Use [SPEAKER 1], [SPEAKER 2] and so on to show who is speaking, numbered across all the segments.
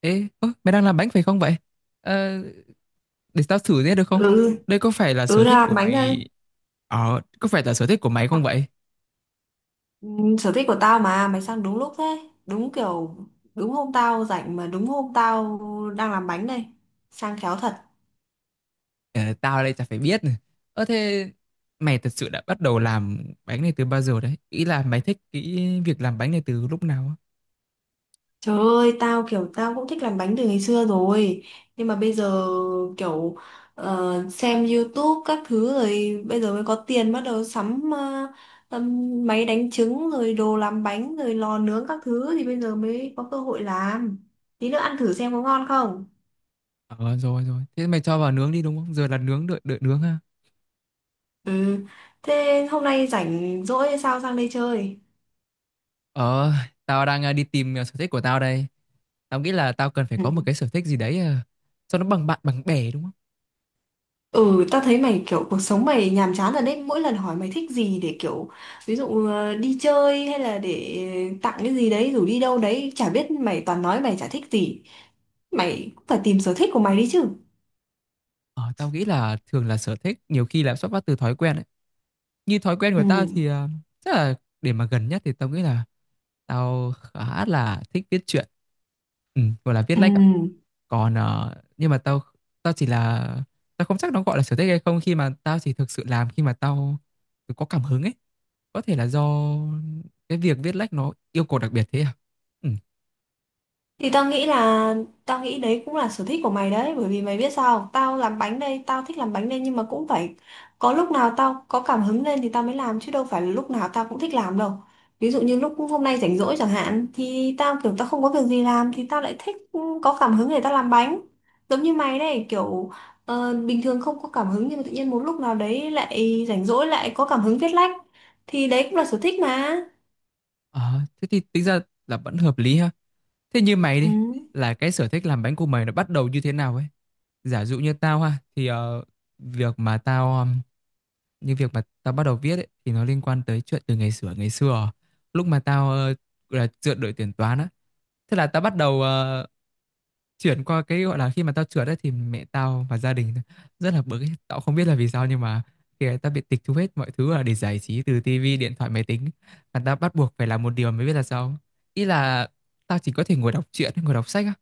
[SPEAKER 1] Mày đang làm bánh phải không vậy? Ờ, để tao thử thế được không?
[SPEAKER 2] Ừ.
[SPEAKER 1] Đây có phải là sở thích
[SPEAKER 2] Làm
[SPEAKER 1] của
[SPEAKER 2] bánh đây.
[SPEAKER 1] mày... Ờ, có phải là sở thích của mày không vậy?
[SPEAKER 2] ừ, Sở thích của tao mà mày sang đúng lúc thế. Đúng kiểu đúng hôm tao rảnh mà đúng hôm tao đang làm bánh đây. Sang khéo thật.
[SPEAKER 1] Ờ, tao đây chả phải biết. Ơ thế mày thật sự đã bắt đầu làm bánh này từ bao giờ đấy? Ý là mày thích cái việc làm bánh này từ lúc nào á?
[SPEAKER 2] Trời ơi, tao kiểu tao cũng thích làm bánh từ ngày xưa rồi, nhưng mà bây giờ kiểu xem YouTube các thứ rồi bây giờ mới có tiền bắt đầu sắm máy đánh trứng rồi đồ làm bánh rồi lò nướng các thứ thì bây giờ mới có cơ hội làm. Tí nữa ăn thử xem có ngon không.
[SPEAKER 1] Ờ, rồi rồi. Thế mày cho vào nướng đi đúng không? Giờ là nướng, đợi nướng ha.
[SPEAKER 2] Ừ. Thế hôm nay rảnh rỗi hay sao sang đây chơi?
[SPEAKER 1] Ờ, tao đang đi tìm sở thích của tao đây. Tao nghĩ là tao cần phải
[SPEAKER 2] Ừ.
[SPEAKER 1] có một cái sở thích gì đấy cho nó bằng bạn bằng bè đúng không?
[SPEAKER 2] Ừ, ta thấy mày kiểu cuộc sống mày nhàm chán rồi đấy. Mỗi lần hỏi mày thích gì để kiểu ví dụ đi chơi hay là để tặng cái gì đấy rủ đi đâu đấy, chả biết mày toàn nói mày chả thích gì. Mày cũng phải tìm sở thích của mày đi chứ.
[SPEAKER 1] Ờ, tao nghĩ là thường là sở thích nhiều khi là xuất phát từ thói quen ấy. Như thói quen
[SPEAKER 2] Ừ.
[SPEAKER 1] của tao thì chắc là để mà gần nhất thì tao nghĩ là tao khá là thích viết truyện. Ừ, gọi là viết
[SPEAKER 2] Ừ.
[SPEAKER 1] lách ạ. Còn nhưng mà tao tao chỉ là tao không chắc nó gọi là sở thích hay không khi mà tao chỉ thực sự làm khi mà tao có cảm hứng ấy. Có thể là do cái việc viết lách nó yêu cầu đặc biệt thế à? Ừ.
[SPEAKER 2] Thì tao nghĩ là Tao nghĩ đấy cũng là sở thích của mày đấy, bởi vì mày biết sao không? Tao làm bánh đây, tao thích làm bánh đây, nhưng mà cũng phải có lúc nào tao có cảm hứng lên thì tao mới làm chứ đâu phải là lúc nào tao cũng thích làm đâu. Ví dụ như lúc hôm nay rảnh rỗi chẳng hạn thì tao kiểu tao không có việc gì làm thì tao lại thích, ừ, có cảm hứng để tao làm bánh. Giống như mày đây kiểu bình thường không có cảm hứng nhưng mà tự nhiên một lúc nào đấy lại rảnh rỗi lại có cảm hứng viết lách thì đấy cũng là sở thích mà.
[SPEAKER 1] Ờ, thế thì tính ra là vẫn hợp lý ha. Thế như mày
[SPEAKER 2] Ừ.
[SPEAKER 1] đi, là cái sở thích làm bánh của mày nó bắt đầu như thế nào ấy? Giả dụ như tao ha, thì ờ, việc mà tao như việc mà tao bắt đầu viết ấy, thì nó liên quan tới chuyện từ ngày xưa lúc mà tao gọi là dựa đội tuyển toán á, thế là tao bắt đầu chuyển qua cái gọi là khi mà tao trượt ấy thì mẹ tao và gia đình rất là bực ấy. Tao không biết là vì sao nhưng mà khi ấy tao bị tịch thu hết mọi thứ là để giải trí từ tivi, điện thoại, máy tính và tao bắt buộc phải làm một điều mới biết là sao. Ý là tao chỉ có thể ngồi đọc truyện, ngồi đọc sách á.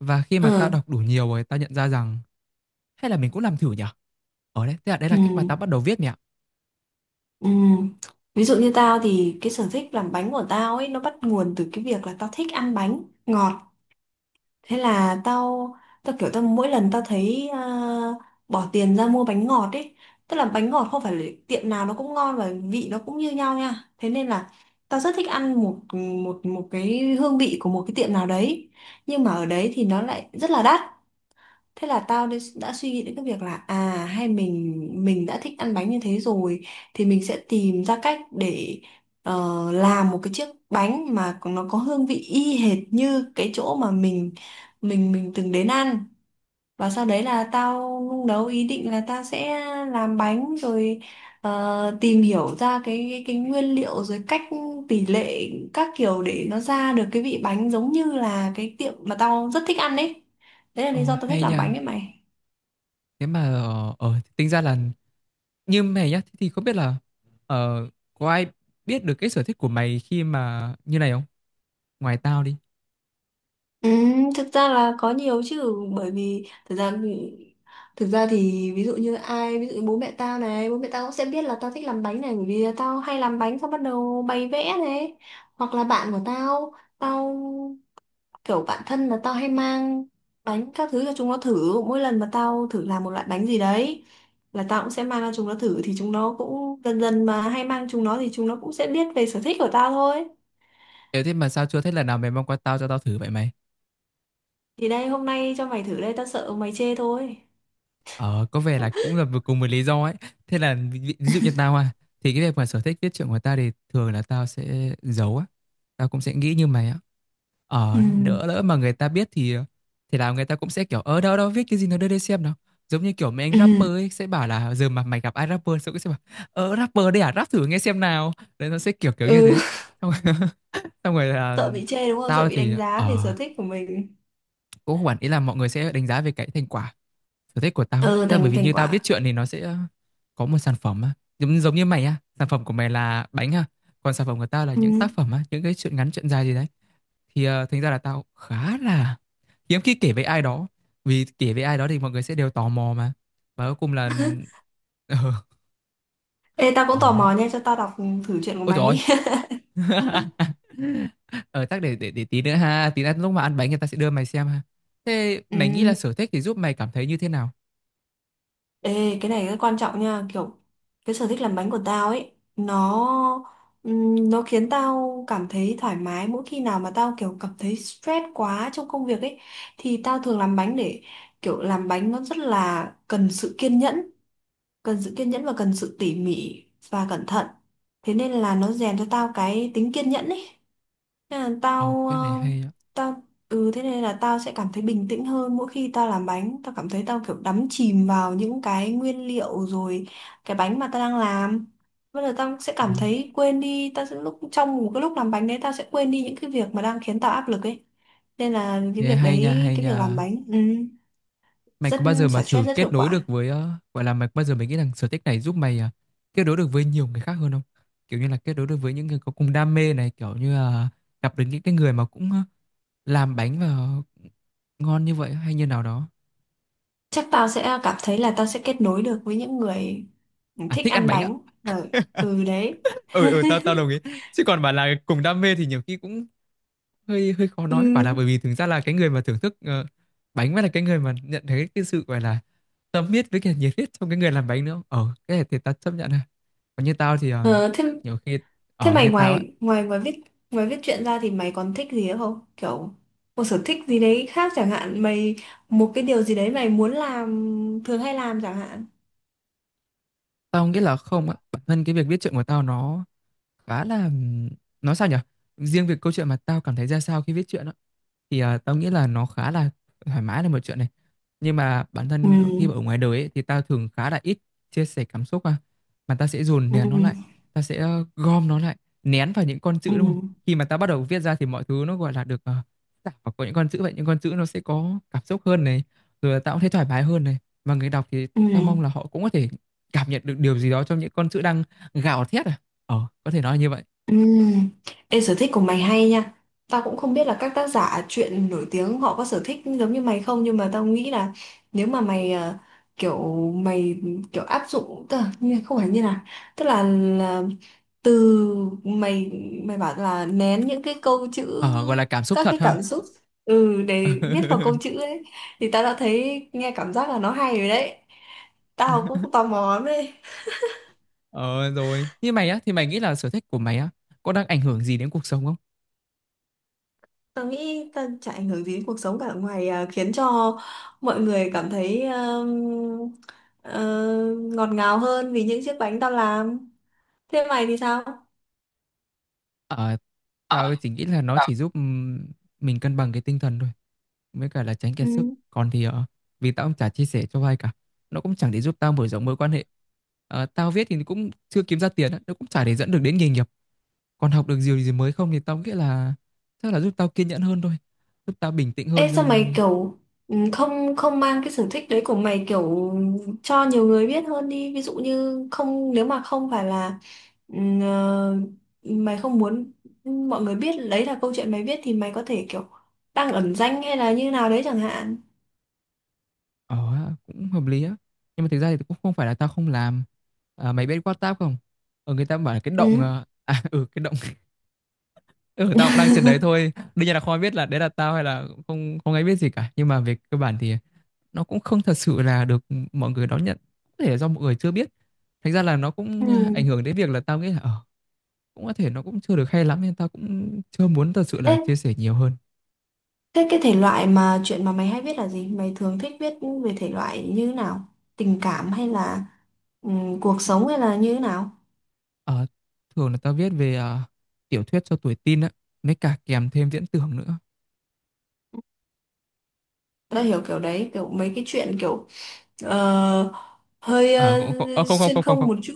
[SPEAKER 1] Và khi mà tao
[SPEAKER 2] Ừ.
[SPEAKER 1] đọc đủ nhiều rồi tao nhận ra rằng hay là mình cũng làm thử nhở? Ở đấy, thế là đấy là
[SPEAKER 2] Ừ.
[SPEAKER 1] cách mà tao bắt đầu viết mẹ ạ.
[SPEAKER 2] Ừ. Ví dụ như tao thì cái sở thích làm bánh của tao ấy nó bắt nguồn từ cái việc là tao thích ăn bánh ngọt. Thế là tao tao kiểu tao mỗi lần tao thấy à, bỏ tiền ra mua bánh ngọt ấy, tức là bánh ngọt không phải là tiệm nào nó cũng ngon và vị nó cũng như nhau nha. Thế nên là tao rất thích ăn một một một cái hương vị của một cái tiệm nào đấy. Nhưng mà ở đấy thì nó lại rất là đắt, thế là tao đã suy nghĩ đến cái việc là à hay mình đã thích ăn bánh như thế rồi thì mình sẽ tìm ra cách để làm một cái chiếc bánh mà nó có hương vị y hệt như cái chỗ mà mình từng đến ăn. Và sau đấy là tao nung nấu ý định là tao sẽ làm bánh rồi tìm hiểu ra cái nguyên liệu rồi cách tỷ lệ các kiểu để nó ra được cái vị bánh giống như là cái tiệm mà tao rất thích ăn đấy. Đấy là lý
[SPEAKER 1] Ồ
[SPEAKER 2] do tao thích
[SPEAKER 1] hay
[SPEAKER 2] làm bánh
[SPEAKER 1] nha.
[SPEAKER 2] đấy mày.
[SPEAKER 1] Thế mà tính ra là như mày nhá thì không biết là ờ, có ai biết được cái sở thích của mày khi mà như này không? Ngoài tao đi.
[SPEAKER 2] Ừ, thực ra là có nhiều chứ, bởi vì thực ra thì ví dụ như ai ví dụ như bố mẹ tao này, bố mẹ tao cũng sẽ biết là tao thích làm bánh này bởi vì tao hay làm bánh xong bắt đầu bày vẽ này, hoặc là bạn của tao, kiểu bạn thân là tao hay mang bánh các thứ cho chúng nó thử. Mỗi lần mà tao thử làm một loại bánh gì đấy là tao cũng sẽ mang cho chúng nó thử, thì chúng nó cũng dần dần mà hay mang chúng nó thì chúng nó cũng sẽ biết về sở thích của tao thôi.
[SPEAKER 1] Thế thế mà sao chưa thấy lần nào mày mang qua tao cho tao thử vậy mày?
[SPEAKER 2] Thì đây hôm nay cho mày thử đây, tao sợ mày chê thôi.
[SPEAKER 1] Ờ, có vẻ là cũng là vừa cùng một lý do ấy. Thế là ví, ví ví dụ như tao à, thì cái việc mà sở thích viết truyện của tao thì thường là tao sẽ giấu á. Tao cũng sẽ nghĩ như mày á.
[SPEAKER 2] Ừ.
[SPEAKER 1] Ờ, đỡ lỡ mà người ta biết thì là người ta cũng sẽ kiểu ở đâu đâu viết cái gì nó đưa đây xem nào. Giống như kiểu mấy anh
[SPEAKER 2] Ừ,
[SPEAKER 1] rapper ấy sẽ bảo là giờ mà mày gặp ai rapper sẽ cũng sẽ bảo ờ rapper đây à rap thử nghe xem nào. Đấy nó sẽ kiểu kiểu như
[SPEAKER 2] ừ,
[SPEAKER 1] thế. Xong rồi, xong rồi là
[SPEAKER 2] sợ bị chê đúng không? Sợ
[SPEAKER 1] tao
[SPEAKER 2] bị
[SPEAKER 1] thì
[SPEAKER 2] đánh giá về sở thích của mình.
[SPEAKER 1] cũng không hẳn ý là mọi người sẽ đánh giá về cái thành quả sở thích của tao ấy.
[SPEAKER 2] Ừ,
[SPEAKER 1] Tức là bởi
[SPEAKER 2] thành
[SPEAKER 1] vì
[SPEAKER 2] thành
[SPEAKER 1] như tao viết
[SPEAKER 2] quả.
[SPEAKER 1] truyện thì nó sẽ có một sản phẩm á. Giống giống như mày á, sản phẩm của mày là bánh ha, còn sản phẩm của tao là những tác
[SPEAKER 2] Ừ.
[SPEAKER 1] phẩm á, những cái chuyện ngắn chuyện dài gì đấy thì thành ra là tao khá là hiếm khi kể với ai đó, vì kể với ai đó thì mọi người sẽ đều tò mò mà và cuối cùng là ờ
[SPEAKER 2] Ê, tao cũng tò
[SPEAKER 1] ờ đấy.
[SPEAKER 2] mò nha, cho tao đọc thử chuyện của
[SPEAKER 1] Ôi
[SPEAKER 2] mày
[SPEAKER 1] trời
[SPEAKER 2] đi.
[SPEAKER 1] ơi ờ chắc để tí nữa ha, tí nữa lúc mà ăn bánh người ta sẽ đưa mày xem ha. Thế
[SPEAKER 2] Ừ.
[SPEAKER 1] mày nghĩ là sở thích thì giúp mày cảm thấy như thế nào?
[SPEAKER 2] Ê, cái này rất quan trọng nha, kiểu cái sở thích làm bánh của tao ấy, nó khiến tao cảm thấy thoải mái mỗi khi nào mà tao kiểu cảm thấy stress quá trong công việc ấy thì tao thường làm bánh để kiểu. Làm bánh nó rất là cần sự kiên nhẫn, cần sự kiên nhẫn và cần sự tỉ mỉ và cẩn thận. Thế nên là nó rèn cho tao cái tính kiên nhẫn ấy, nên là
[SPEAKER 1] Ờ
[SPEAKER 2] tao
[SPEAKER 1] cái này
[SPEAKER 2] ờ,
[SPEAKER 1] hay á.
[SPEAKER 2] tao ừ, thế nên là tao sẽ cảm thấy bình tĩnh hơn. Mỗi khi tao làm bánh tao cảm thấy tao kiểu đắm chìm vào những cái nguyên liệu rồi cái bánh mà tao đang làm. Bây giờ tao sẽ
[SPEAKER 1] Ờ.
[SPEAKER 2] cảm thấy quên đi, tao sẽ lúc trong một cái lúc làm bánh đấy tao sẽ quên đi những cái việc mà đang khiến tao áp lực ấy. Nên là cái
[SPEAKER 1] Thế
[SPEAKER 2] việc
[SPEAKER 1] hay nha,
[SPEAKER 2] đấy
[SPEAKER 1] hay
[SPEAKER 2] cái việc làm
[SPEAKER 1] nha.
[SPEAKER 2] bánh, ừ,
[SPEAKER 1] Mày
[SPEAKER 2] rất
[SPEAKER 1] có bao giờ mà
[SPEAKER 2] xả
[SPEAKER 1] thử
[SPEAKER 2] stress, rất hiệu
[SPEAKER 1] kết nối
[SPEAKER 2] quả.
[SPEAKER 1] được với gọi là mày có bao giờ mày nghĩ rằng sở thích này giúp mày kết nối được với nhiều người khác hơn không? Kiểu như là kết nối được với những người có cùng đam mê này, kiểu như là gặp được những cái người mà cũng làm bánh và ngon như vậy hay như nào đó.
[SPEAKER 2] Chắc tao sẽ cảm thấy là tao sẽ kết nối được với những người
[SPEAKER 1] À
[SPEAKER 2] thích
[SPEAKER 1] thích ăn
[SPEAKER 2] ăn
[SPEAKER 1] bánh á.
[SPEAKER 2] bánh và ừ đấy
[SPEAKER 1] Ừ ừ, tao tao đồng ý. Chứ còn bảo là cùng đam mê thì nhiều khi cũng hơi hơi khó nói, bảo là bởi
[SPEAKER 2] ừ.
[SPEAKER 1] vì thực ra là cái người mà thưởng thức bánh mới là cái người mà nhận thấy cái sự gọi là tâm huyết với cả nhiệt huyết trong cái người làm bánh nữa. Ờ cái này thì tao chấp nhận. Còn như tao thì
[SPEAKER 2] Ờ, thế
[SPEAKER 1] nhiều khi
[SPEAKER 2] thế
[SPEAKER 1] ở
[SPEAKER 2] mày
[SPEAKER 1] như tao á,
[SPEAKER 2] ngoài ngoài ngoài viết viết truyện ra thì mày còn thích gì nữa không, kiểu một sở thích gì đấy khác chẳng hạn mày, một cái điều gì đấy mày muốn làm, thường hay làm chẳng hạn.
[SPEAKER 1] tao nghĩ là không á, bản thân cái việc viết truyện của tao nó khá là nói sao nhỉ? Riêng việc câu chuyện mà tao cảm thấy ra sao khi viết truyện á thì à, tao nghĩ là nó khá là thoải mái là một chuyện này, nhưng mà bản
[SPEAKER 2] Ừ.
[SPEAKER 1] thân khi mà ở ngoài đời ấy, thì tao thường khá là ít chia sẻ cảm xúc, à mà tao sẽ dồn
[SPEAKER 2] Ừ.
[SPEAKER 1] nén nó lại, tao sẽ gom nó lại, nén vào những con chữ đúng không,
[SPEAKER 2] Ừ.
[SPEAKER 1] khi mà tao bắt đầu viết ra thì mọi thứ nó gọi là được tạo vào có những con chữ vậy, những con chữ nó sẽ có cảm xúc hơn này, rồi là tao cũng thấy thoải mái hơn này, và người đọc thì
[SPEAKER 2] Ừ.
[SPEAKER 1] tao mong là họ cũng có thể cảm nhận được điều gì đó trong những con chữ đang gào thét à, ờ có thể nói là như vậy.
[SPEAKER 2] Ừm. Ê, sở thích của mày hay nha. Tao cũng không biết là các tác giả truyện nổi tiếng họ có sở thích giống như mày không, nhưng mà tao nghĩ là nếu mà mày kiểu mày kiểu áp dụng tức là không phải như là tức là từ mày mày bảo là nén những cái câu chữ,
[SPEAKER 1] Ờ gọi là cảm xúc
[SPEAKER 2] các
[SPEAKER 1] thật
[SPEAKER 2] cái
[SPEAKER 1] ha.
[SPEAKER 2] cảm xúc, ừ để viết vào câu chữ ấy, thì tao đã thấy nghe cảm giác là nó hay rồi đấy. Tao cũng tò mò lắm đấy.
[SPEAKER 1] Ờ rồi. Như mày á, thì mày nghĩ là sở thích của mày á, có đang ảnh hưởng gì đến cuộc sống không?
[SPEAKER 2] Tớ nghĩ tớ chả ảnh hưởng gì đến cuộc sống cả ngoài à, khiến cho mọi người cảm thấy ờ, ngọt ngào hơn vì những chiếc bánh tao làm. Thế mày thì sao?
[SPEAKER 1] Ờ,
[SPEAKER 2] Ờ,
[SPEAKER 1] tao chỉ nghĩ là nó
[SPEAKER 2] tao
[SPEAKER 1] chỉ giúp mình cân bằng cái tinh thần thôi, với cả là tránh kiệt sức.
[SPEAKER 2] Ừ.
[SPEAKER 1] Còn thì vì tao cũng chả chia sẻ cho ai cả, nó cũng chẳng để giúp tao mở rộng mối quan hệ. Ờ, tao viết thì cũng chưa kiếm ra tiền, á, nó cũng chả để dẫn được đến nghề nghiệp. Còn học được điều gì mới không thì tao nghĩ là chắc là giúp tao kiên nhẫn hơn thôi, giúp tao bình tĩnh
[SPEAKER 2] Ê
[SPEAKER 1] hơn
[SPEAKER 2] sao mày
[SPEAKER 1] trong.
[SPEAKER 2] kiểu, ừ, không không mang cái sở thích đấy của mày kiểu cho nhiều người biết hơn đi. Ví dụ như không nếu mà không phải là ừ, ờ, mày không muốn mọi người biết đấy là câu chuyện mày biết thì mày có thể kiểu đăng ẩn danh hay là như nào đấy chẳng hạn.
[SPEAKER 1] Ờ, ha, cũng hợp lý á. Nhưng mà thực ra thì cũng không phải là tao không làm. À, mày biết WhatsApp không? Ờ, người ta bảo là cái động...
[SPEAKER 2] Ừ.
[SPEAKER 1] À, ừ, cái động... Ừ, tao cũng đang trên đấy thôi. Đương nhiên là không ai biết là đấy là tao hay là không không ai biết gì cả. Nhưng mà về cơ bản thì nó cũng không thật sự là được mọi người đón nhận. Có thể là do mọi người chưa biết. Thành ra là nó
[SPEAKER 2] Ừ.
[SPEAKER 1] cũng ảnh hưởng đến việc là tao nghĩ là... Ờ, cũng có thể nó cũng chưa được hay lắm nên tao cũng chưa muốn thật sự
[SPEAKER 2] Ê,
[SPEAKER 1] là chia sẻ nhiều hơn.
[SPEAKER 2] thế cái thể loại mà chuyện mà mày hay viết là gì? Mày thường thích viết về thể loại như thế nào? Tình cảm hay là cuộc sống hay là như thế nào?
[SPEAKER 1] Ờ, thường là tao viết về tiểu thuyết cho tuổi teen á. Mới cả kèm thêm viễn tưởng nữa.
[SPEAKER 2] Tao hiểu kiểu đấy, kiểu mấy cái chuyện kiểu ờ, hơi
[SPEAKER 1] Ờ
[SPEAKER 2] ờ,
[SPEAKER 1] cũng không ờ, không không
[SPEAKER 2] xuyên
[SPEAKER 1] không không
[SPEAKER 2] không
[SPEAKER 1] không
[SPEAKER 2] một chút.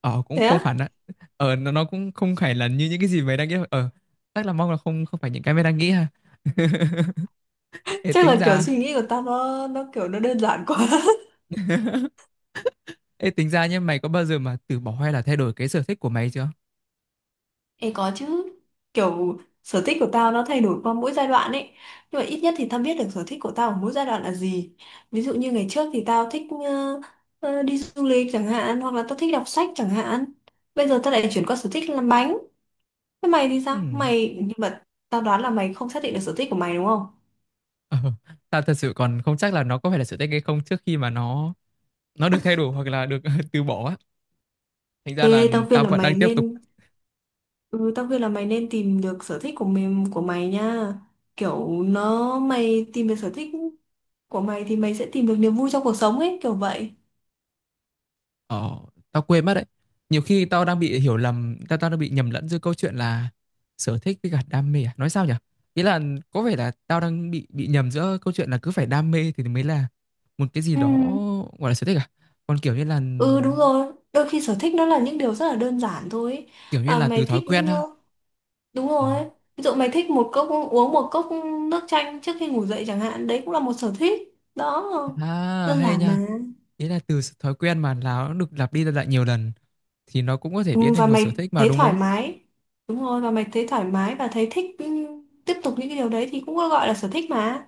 [SPEAKER 1] Ờ cũng
[SPEAKER 2] Thế
[SPEAKER 1] không
[SPEAKER 2] á?
[SPEAKER 1] hẳn á, ờ nó cũng không phải là như những cái gì mày đang nghĩ đâu. Ờ chắc là mong là không không phải những cái mày đang nghĩ ha. Ê
[SPEAKER 2] Chắc
[SPEAKER 1] tính
[SPEAKER 2] là kiểu suy
[SPEAKER 1] ra,
[SPEAKER 2] nghĩ của tao nó kiểu nó đơn giản quá.
[SPEAKER 1] ê tính ra nhé, mày có bao giờ mà từ bỏ hay là thay đổi cái sở thích của mày chưa?
[SPEAKER 2] Ê có chứ, kiểu sở thích của tao nó thay đổi qua mỗi giai đoạn ấy, nhưng mà ít nhất thì tao biết được sở thích của tao ở mỗi giai đoạn là gì. Ví dụ như ngày trước thì tao thích đi du lịch chẳng hạn hoặc là tao thích đọc sách chẳng hạn, bây giờ tao lại chuyển qua sở thích làm bánh. Thế mày thì sao
[SPEAKER 1] Ừm,
[SPEAKER 2] mày, nhưng mà tao đoán là mày không xác định được sở thích của mày đúng không.
[SPEAKER 1] ờ, tao thật sự còn không chắc là nó có phải là sở thích hay không trước khi mà nó được thay đổi hoặc là được từ bỏ á, thành ra
[SPEAKER 2] Ê
[SPEAKER 1] là
[SPEAKER 2] tao khuyên
[SPEAKER 1] tao
[SPEAKER 2] là
[SPEAKER 1] vẫn
[SPEAKER 2] mày
[SPEAKER 1] đang tiếp
[SPEAKER 2] nên
[SPEAKER 1] tục.
[SPEAKER 2] Ừ, tao khuyên là mày nên tìm được sở thích của của mày nha. Kiểu nó mày tìm được sở thích của mày thì mày sẽ tìm được niềm vui trong cuộc sống ấy, kiểu vậy.
[SPEAKER 1] Ờ, tao quên mất đấy. Nhiều khi tao đang bị hiểu lầm, tao tao đang bị nhầm lẫn giữa câu chuyện là sở thích với cả đam mê à? Nói sao nhỉ? Ý là có vẻ là tao đang bị nhầm giữa câu chuyện là cứ phải đam mê thì mới là một cái gì
[SPEAKER 2] Ừ.
[SPEAKER 1] đó gọi là sở thích à? Còn
[SPEAKER 2] Ừ đúng rồi, đôi khi sở thích nó là những điều rất là đơn giản thôi ấy,
[SPEAKER 1] kiểu như
[SPEAKER 2] mà
[SPEAKER 1] là từ
[SPEAKER 2] mày
[SPEAKER 1] thói
[SPEAKER 2] thích.
[SPEAKER 1] quen ha.
[SPEAKER 2] Đúng
[SPEAKER 1] Ờ.
[SPEAKER 2] rồi ấy. Ví dụ mày thích một cốc uống một cốc nước chanh trước khi ngủ dậy chẳng hạn, đấy cũng là một sở thích đó,
[SPEAKER 1] À,
[SPEAKER 2] đơn
[SPEAKER 1] hay
[SPEAKER 2] giản mà.
[SPEAKER 1] nha. Ý là từ thói quen mà nó được lặp đi lặp lại nhiều lần thì nó cũng có thể biến
[SPEAKER 2] Ừ, và
[SPEAKER 1] thành một sở
[SPEAKER 2] mày
[SPEAKER 1] thích mà
[SPEAKER 2] thấy
[SPEAKER 1] đúng
[SPEAKER 2] thoải
[SPEAKER 1] không?
[SPEAKER 2] mái, đúng rồi, và mày thấy thoải mái và thấy thích, ừ, tiếp tục những cái điều đấy thì cũng gọi là sở thích mà.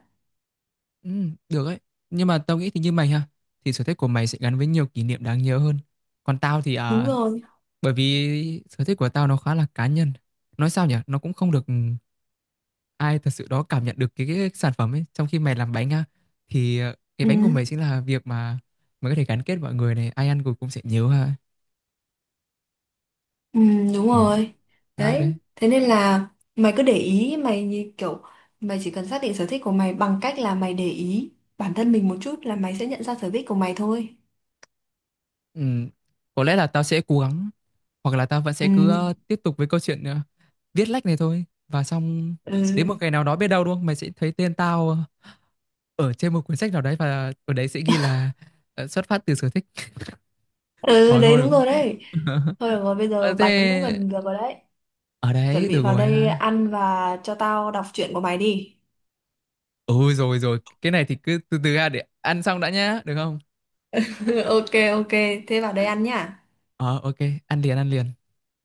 [SPEAKER 1] Ừ, được ấy. Nhưng mà tao nghĩ thì như mày ha, thì sở thích của mày sẽ gắn với nhiều kỷ niệm đáng nhớ hơn. Còn tao thì
[SPEAKER 2] Đúng
[SPEAKER 1] à,
[SPEAKER 2] rồi.
[SPEAKER 1] bởi vì sở thích của tao nó khá là cá nhân. Nói sao nhỉ, nó cũng không được ai thật sự đó cảm nhận được cái sản phẩm ấy. Trong khi mày làm bánh ha thì cái
[SPEAKER 2] Ừ.
[SPEAKER 1] bánh của mày chính là việc mà mày có thể gắn kết mọi người này, ai ăn rồi cũng sẽ nhớ ha.
[SPEAKER 2] Ừ, đúng
[SPEAKER 1] Ồ.
[SPEAKER 2] rồi.
[SPEAKER 1] Khác
[SPEAKER 2] Đấy,
[SPEAKER 1] đấy.
[SPEAKER 2] thế nên là mày cứ để ý, mày như kiểu mày chỉ cần xác định sở thích của mày bằng cách là mày để ý bản thân mình một chút là mày sẽ nhận ra sở thích của mày thôi.
[SPEAKER 1] Ừ, có lẽ là tao sẽ cố gắng hoặc là tao vẫn sẽ
[SPEAKER 2] Ừ,
[SPEAKER 1] cứ tiếp tục với câu chuyện viết lách này thôi và xong đến một
[SPEAKER 2] ừ,
[SPEAKER 1] ngày nào đó biết đâu đúng không mày sẽ thấy tên tao ở trên một cuốn sách nào đấy và ở đấy sẽ ghi là xuất phát từ sở thích.
[SPEAKER 2] ừ
[SPEAKER 1] Hỏi
[SPEAKER 2] đấy
[SPEAKER 1] thôi được
[SPEAKER 2] đúng rồi đấy.
[SPEAKER 1] rồi.
[SPEAKER 2] Thôi được rồi, bây
[SPEAKER 1] Ờ,
[SPEAKER 2] giờ
[SPEAKER 1] thế
[SPEAKER 2] bánh cũng gần được rồi đấy.
[SPEAKER 1] ở
[SPEAKER 2] Chuẩn
[SPEAKER 1] đấy
[SPEAKER 2] bị
[SPEAKER 1] được
[SPEAKER 2] vào
[SPEAKER 1] rồi
[SPEAKER 2] đây
[SPEAKER 1] ha.
[SPEAKER 2] ăn và cho tao đọc truyện của mày đi.
[SPEAKER 1] Ừ rồi rồi, cái này thì cứ từ từ ra để ăn xong đã nhá được không?
[SPEAKER 2] Ok ok, thế vào đây ăn nhá.
[SPEAKER 1] Ờ ok, ăn liền ăn liền.